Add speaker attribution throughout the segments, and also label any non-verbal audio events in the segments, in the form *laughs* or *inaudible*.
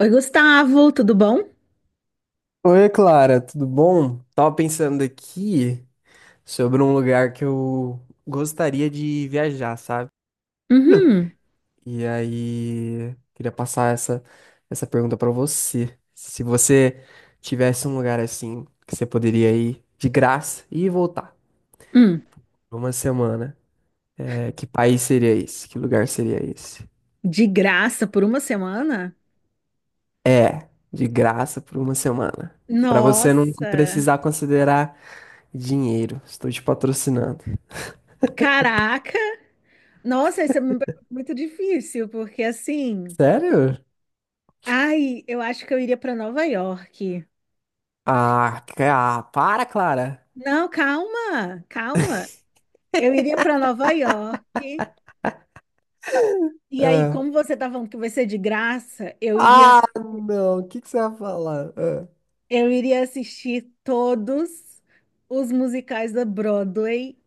Speaker 1: Oi, Gustavo, tudo bom?
Speaker 2: Oi, Clara, tudo bom? Tava pensando aqui sobre um lugar que eu gostaria de viajar, sabe?
Speaker 1: Uhum.
Speaker 2: E aí, queria passar essa pergunta pra você. Se você tivesse um lugar assim que você poderia ir de graça e voltar
Speaker 1: Hum.
Speaker 2: por uma semana, que país seria esse? Que lugar seria esse?
Speaker 1: De graça por uma semana?
Speaker 2: É, de graça por uma semana. Pra você não
Speaker 1: Nossa,
Speaker 2: precisar considerar dinheiro. Estou te patrocinando.
Speaker 1: caraca! Nossa, isso é uma pergunta muito difícil, porque assim,
Speaker 2: Sério?
Speaker 1: ai, eu acho que eu iria para Nova York.
Speaker 2: Ah, cara, para, Clara.
Speaker 1: Não, calma, calma. Eu iria para Nova York. E aí,
Speaker 2: Ah,
Speaker 1: como você tá falando que vai ser de graça,
Speaker 2: Ah, não. O que que você vai falar? Ah,
Speaker 1: eu iria assistir todos os musicais da Broadway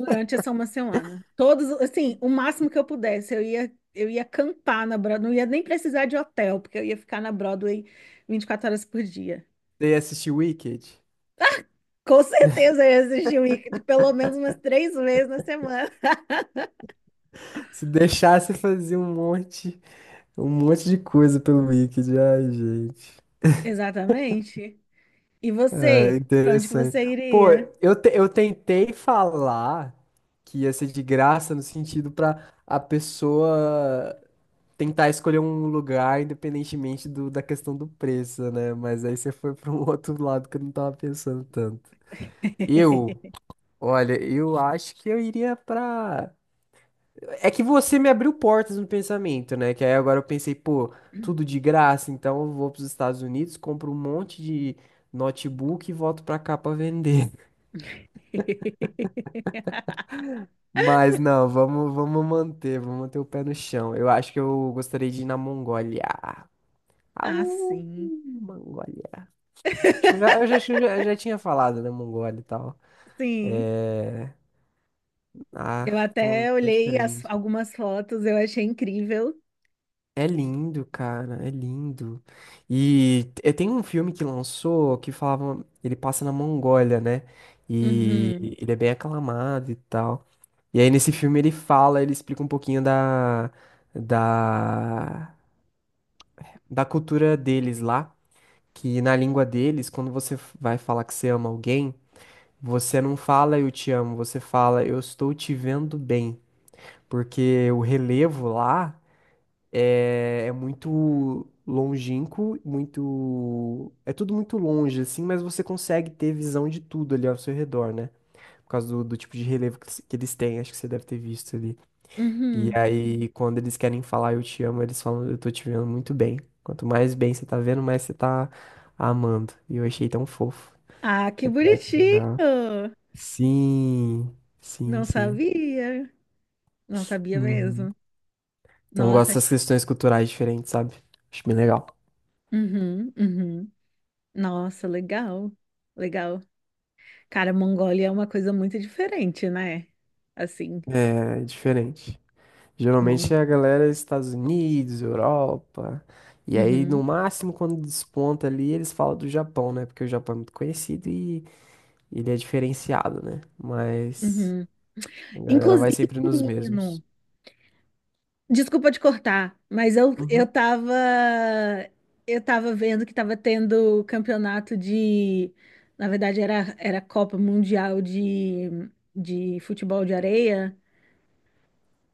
Speaker 1: durante essa uma semana. Todos, assim, o máximo que eu pudesse, eu ia acampar na Broadway, não ia nem precisar de hotel, porque eu ia ficar na Broadway 24 horas por dia.
Speaker 2: você ia assistir Wicked?
Speaker 1: Com *laughs* certeza eu ia assistir o Wicked pelo menos umas três vezes na semana. *laughs*
Speaker 2: Se deixasse fazer um monte de coisa pelo Wicked. Ai, gente.
Speaker 1: Exatamente. E
Speaker 2: Ah,
Speaker 1: você? Pra onde que
Speaker 2: interessante.
Speaker 1: você
Speaker 2: Pô,
Speaker 1: iria?
Speaker 2: eu tentei falar que ia ser de graça no sentido pra a pessoa tentar escolher um lugar independentemente da questão do preço, né? Mas aí você foi para um *laughs* outro lado que eu não tava pensando tanto. Eu
Speaker 1: *laughs*
Speaker 2: Olha, eu acho que eu iria pra. É que você me abriu portas no pensamento, né? Que aí agora eu pensei, pô, tudo de graça, então eu vou pros Estados Unidos, compro um monte de notebook e volto pra cá pra vender. *laughs* Mas não, vamos manter o pé no chão. Eu acho que eu gostaria de ir na Mongólia.
Speaker 1: Ah,
Speaker 2: Au,
Speaker 1: sim.
Speaker 2: Mongólia. Acho que já tinha falado, né, Mongólia e tal.
Speaker 1: Sim.
Speaker 2: É. Ah,
Speaker 1: Eu
Speaker 2: tão,
Speaker 1: até
Speaker 2: tão
Speaker 1: olhei as-
Speaker 2: diferente.
Speaker 1: Algumas fotos, eu achei incrível.
Speaker 2: É lindo, cara, é lindo. E t- tem um filme que lançou que falava, ele passa na Mongólia, né? E
Speaker 1: Uhum.
Speaker 2: ele é bem aclamado e tal. E aí nesse filme ele fala, ele explica um pouquinho da da cultura deles lá, que na língua deles, quando você f- vai falar que você ama alguém, você não fala eu te amo, você fala eu estou te vendo bem, porque o relevo lá é muito longínquo, muito. É tudo muito longe, assim, mas você consegue ter visão de tudo ali ao seu redor, né? Por causa do tipo de relevo que eles têm, acho que você deve ter visto ali. E
Speaker 1: Uhum.
Speaker 2: aí, quando eles querem falar eu te amo, eles falam eu tô te vendo muito bem. Quanto mais bem você tá vendo, mais você tá amando. E eu achei tão fofo.
Speaker 1: Ah, que
Speaker 2: É, é que legal.
Speaker 1: bonitinho!
Speaker 2: Sim, sim,
Speaker 1: Não
Speaker 2: sim.
Speaker 1: sabia, não sabia
Speaker 2: Uhum.
Speaker 1: mesmo.
Speaker 2: Então, eu
Speaker 1: Nossa,
Speaker 2: gosto dessas questões culturais diferentes, sabe? Acho bem legal.
Speaker 1: uhum, uhum. Nossa, legal, legal. Cara, Mongólia é uma coisa muito diferente, né? Assim,
Speaker 2: É, é diferente. Geralmente
Speaker 1: Mon...
Speaker 2: é a galera dos Estados Unidos, Europa. E aí, no
Speaker 1: uhum,
Speaker 2: máximo, quando desponta ali, eles falam do Japão, né? Porque o Japão é muito conhecido e ele é diferenciado, né? Mas
Speaker 1: uhum.
Speaker 2: a galera
Speaker 1: Inclusive,
Speaker 2: vai sempre nos
Speaker 1: menino,
Speaker 2: mesmos.
Speaker 1: desculpa te cortar, mas eu
Speaker 2: Uhum.
Speaker 1: tava, eu tava vendo que tava tendo campeonato de, na verdade era Copa Mundial de futebol de areia.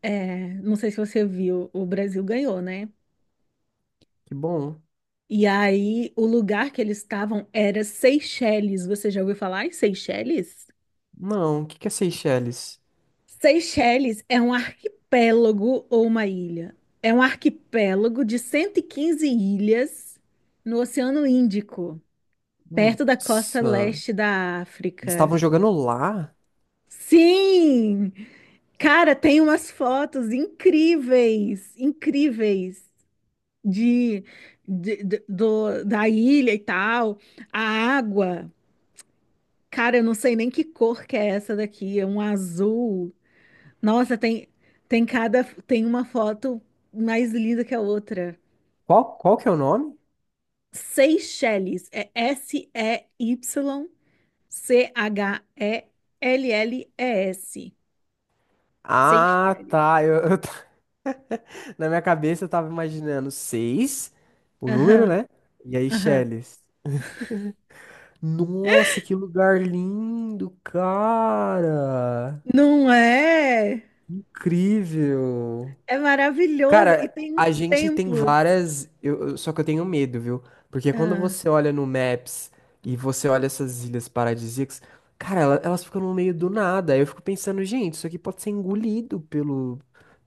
Speaker 1: É, não sei se você viu, o Brasil ganhou, né?
Speaker 2: Que bom.
Speaker 1: E aí, o lugar que eles estavam era Seychelles. Você já ouviu falar em Seychelles?
Speaker 2: Não, o que que é Seychelles?
Speaker 1: Seychelles é um arquipélago ou uma ilha. É um arquipélago de 115 ilhas no Oceano Índico, perto da costa
Speaker 2: Nossa.
Speaker 1: leste da
Speaker 2: Eles
Speaker 1: África.
Speaker 2: estavam jogando lá?
Speaker 1: Sim! Cara, tem umas fotos incríveis, incríveis. de, Da ilha e tal. A água, cara, eu não sei nem que cor que é essa daqui, é um azul. Nossa, tem uma foto mais linda que a outra.
Speaker 2: Qual, qual que é o nome?
Speaker 1: Seychelles é S-E-Y-C-H-E-L-L-E-S.
Speaker 2: Ah,
Speaker 1: Seychelles.
Speaker 2: tá. *laughs* Na minha cabeça eu tava imaginando seis, o número,
Speaker 1: Aham,
Speaker 2: né? E aí,
Speaker 1: aham.
Speaker 2: Seychelles. Nossa, que lugar lindo, cara!
Speaker 1: Não é?
Speaker 2: Incrível!
Speaker 1: É maravilhoso e
Speaker 2: Cara,
Speaker 1: tem uns
Speaker 2: a gente tem
Speaker 1: templos.
Speaker 2: várias. Só que eu tenho medo, viu? Porque quando
Speaker 1: Ah,
Speaker 2: você olha no Maps e você olha essas ilhas paradisíacas, cara, elas ficam no meio do nada. Aí eu fico pensando, gente, isso aqui pode ser engolido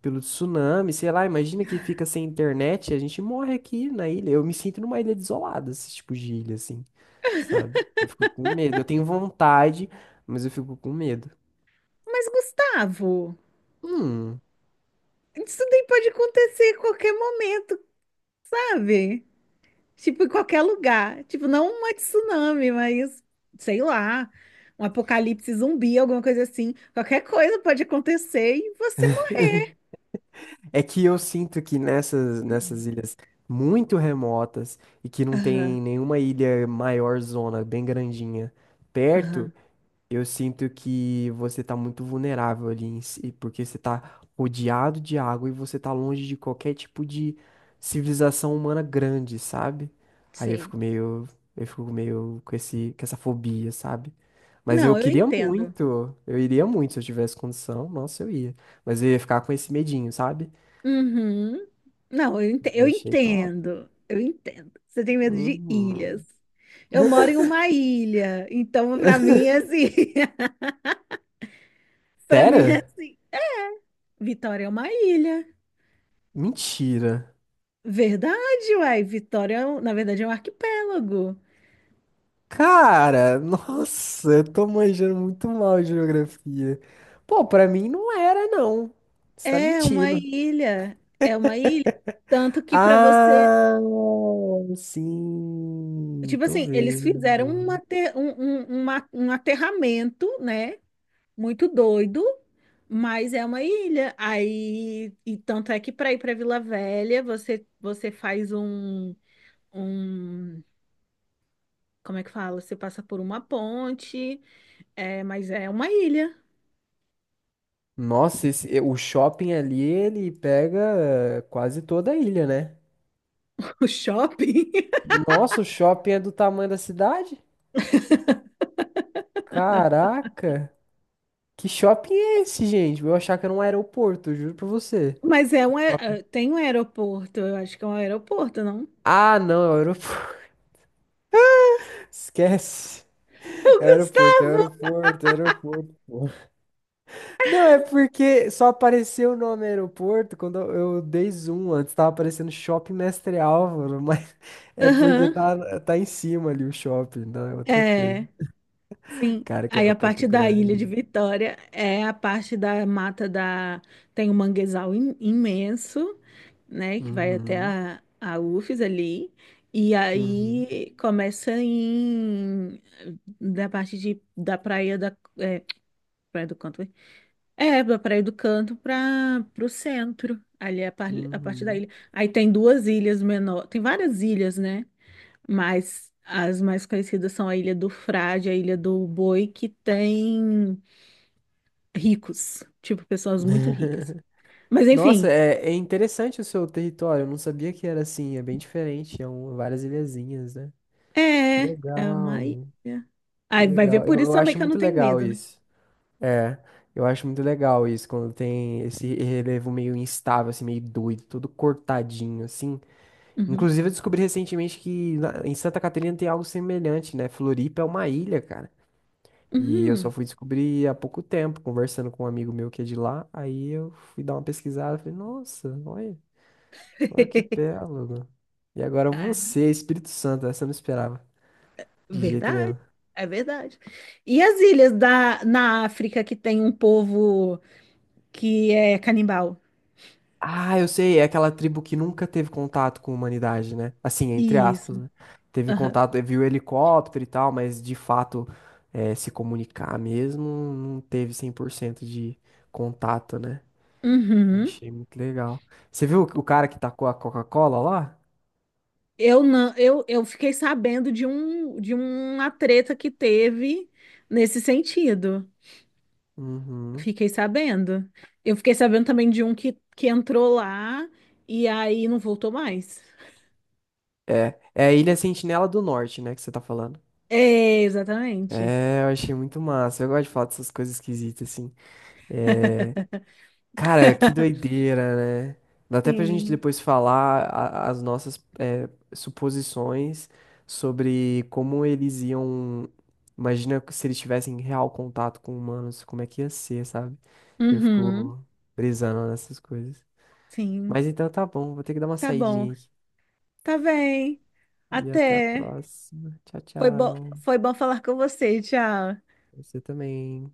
Speaker 2: pelo tsunami, sei lá. Imagina que fica sem internet e a gente morre aqui na ilha. Eu me sinto numa ilha desolada, esse tipo de ilha, assim, sabe? Eu fico com medo. Eu tenho vontade, mas eu fico com medo.
Speaker 1: mas Gustavo,
Speaker 2: Hum.
Speaker 1: isso daí pode acontecer a qualquer momento, sabe? Tipo, em qualquer lugar. Tipo, não uma tsunami, mas sei lá, um apocalipse zumbi, alguma coisa assim. Qualquer coisa pode acontecer e você.
Speaker 2: É que eu sinto que
Speaker 1: Morre. *clears throat*
Speaker 2: nessas ilhas muito remotas e que não
Speaker 1: Aham,
Speaker 2: tem nenhuma ilha maior zona, bem grandinha, perto,
Speaker 1: aham,
Speaker 2: eu sinto que você tá muito vulnerável ali em si, porque você tá rodeado de água e você tá longe de qualquer tipo de civilização humana grande, sabe? Aí
Speaker 1: sei.
Speaker 2: eu fico meio com com essa fobia, sabe? Mas
Speaker 1: Não,
Speaker 2: eu
Speaker 1: eu
Speaker 2: queria
Speaker 1: entendo.
Speaker 2: muito, eu iria muito se eu tivesse condição, nossa, eu ia. Mas eu ia ficar com esse medinho, sabe?
Speaker 1: Uhum. Não, eu ente- Eu
Speaker 2: Achei top.
Speaker 1: entendo. Eu entendo. Você tem medo de ilhas.
Speaker 2: Uhum.
Speaker 1: Eu moro em uma ilha, então pra mim é assim. *laughs* Pra mim é
Speaker 2: Sério?
Speaker 1: assim. Vitória é uma ilha.
Speaker 2: Mentira.
Speaker 1: Verdade, uai. Na verdade, é um arquipélago.
Speaker 2: Cara, nossa, eu tô manjando muito mal de geografia. Pô, pra mim não era, não. Você tá
Speaker 1: É uma
Speaker 2: mentindo.
Speaker 1: ilha. É uma ilha. Tanto que para você.
Speaker 2: Ah, sim,
Speaker 1: Tipo
Speaker 2: tô
Speaker 1: assim, eles fizeram um,
Speaker 2: vendo.
Speaker 1: ate- um, uma- um aterramento, né? Muito doido, mas é uma ilha. Aí, e tanto é que para ir para Vila Velha, você faz um, um. Como é que fala? Você passa por uma ponte, é, mas é uma ilha.
Speaker 2: Nossa, esse- o shopping ali, ele pega quase toda a ilha, né?
Speaker 1: *laughs* O shopping.
Speaker 2: Nossa, o shopping é do tamanho da cidade? Caraca. Que shopping é esse, gente? Eu achava que era um aeroporto, eu juro pra você.
Speaker 1: Tem um aeroporto, eu acho que é um aeroporto, não?
Speaker 2: Ah, não, é o aeroporto. *laughs* Esquece.
Speaker 1: *laughs* O Gustavo!
Speaker 2: É o aeroporto. Pô. Não, é porque só apareceu o nome aeroporto quando eu dei zoom antes. Tava aparecendo Shopping Mestre Álvaro, mas *laughs* é porque
Speaker 1: Aham,
Speaker 2: tá em cima ali o shopping, não é outra coisa.
Speaker 1: é, sim.
Speaker 2: Cara, que
Speaker 1: Aí a
Speaker 2: aeroporto
Speaker 1: parte da Ilha de
Speaker 2: grande.
Speaker 1: Vitória é a parte da mata da... Tem um manguezal im- imenso, né, que vai até
Speaker 2: Uhum,
Speaker 1: a UFES ali. E
Speaker 2: uhum,
Speaker 1: aí começa em... da praia da... é, praia do Canto. É, para ir do canto para o centro, a parte da
Speaker 2: uhum.
Speaker 1: ilha. Aí tem duas ilhas menor, tem várias ilhas, né? Mas as mais conhecidas são a Ilha do Frade, a Ilha do Boi, que tem ricos, tipo pessoas muito ricas.
Speaker 2: *laughs*
Speaker 1: Mas
Speaker 2: Nossa,
Speaker 1: enfim,
Speaker 2: é interessante o seu território. Eu não sabia que era assim. É bem diferente. É um, várias ilhazinhas, né? Que
Speaker 1: é, é
Speaker 2: legal,
Speaker 1: uma ilha.
Speaker 2: que
Speaker 1: Aí vai ver
Speaker 2: legal.
Speaker 1: por isso
Speaker 2: Eu
Speaker 1: também
Speaker 2: acho
Speaker 1: que eu não
Speaker 2: muito
Speaker 1: tenho
Speaker 2: legal
Speaker 1: medo, né?
Speaker 2: isso. É, eu acho muito legal isso quando tem esse relevo meio instável, assim, meio doido, todo cortadinho, assim.
Speaker 1: Uhum.
Speaker 2: Inclusive, eu descobri recentemente que em Santa Catarina tem algo semelhante, né? Floripa é uma ilha, cara. E eu
Speaker 1: Uhum.
Speaker 2: só fui descobrir há pouco tempo, conversando com um amigo meu que é de lá. Aí eu fui dar uma pesquisada, falei, nossa, olha. Um
Speaker 1: *laughs*
Speaker 2: arquipélago. E agora
Speaker 1: Ah,
Speaker 2: você, Espírito Santo, essa eu não esperava. De jeito
Speaker 1: verdade,
Speaker 2: nenhum.
Speaker 1: é verdade. E as ilhas da, na África que tem um povo que é canibal.
Speaker 2: Ah, eu sei, é aquela tribo que nunca teve contato com a humanidade, né? Assim, entre aspas,
Speaker 1: Isso.
Speaker 2: né? Teve
Speaker 1: Aham.
Speaker 2: contato, viu helicóptero e tal, mas de fato se comunicar mesmo, não teve 100% de contato, né? Eu
Speaker 1: Uhum.
Speaker 2: Achei muito legal. Você viu o cara que tacou a Coca-Cola lá?
Speaker 1: Eu não, eu fiquei sabendo de um de uma treta que teve nesse sentido.
Speaker 2: Uhum.
Speaker 1: Fiquei sabendo. Eu fiquei sabendo também de um que entrou lá e aí não voltou mais.
Speaker 2: É, é a Ilha Sentinela do Norte, né, que você tá falando.
Speaker 1: É, exatamente.
Speaker 2: É, eu achei muito massa. Eu gosto de falar dessas coisas esquisitas, assim. É, cara, que
Speaker 1: *laughs*
Speaker 2: doideira, né? Dá até pra gente
Speaker 1: Sim.
Speaker 2: depois falar as nossas suposições sobre como eles iam. Imagina se eles tivessem real contato com humanos, como é que ia ser, sabe? Eu
Speaker 1: Uhum.
Speaker 2: fico brisando nessas coisas.
Speaker 1: Sim.
Speaker 2: Mas então tá bom, vou ter que dar uma
Speaker 1: Tá bom.
Speaker 2: saidinha aqui.
Speaker 1: Tá bem.
Speaker 2: E até a
Speaker 1: Até.
Speaker 2: próxima. Tchau, tchau.
Speaker 1: Foi bom falar com você. Tchau.
Speaker 2: Você também.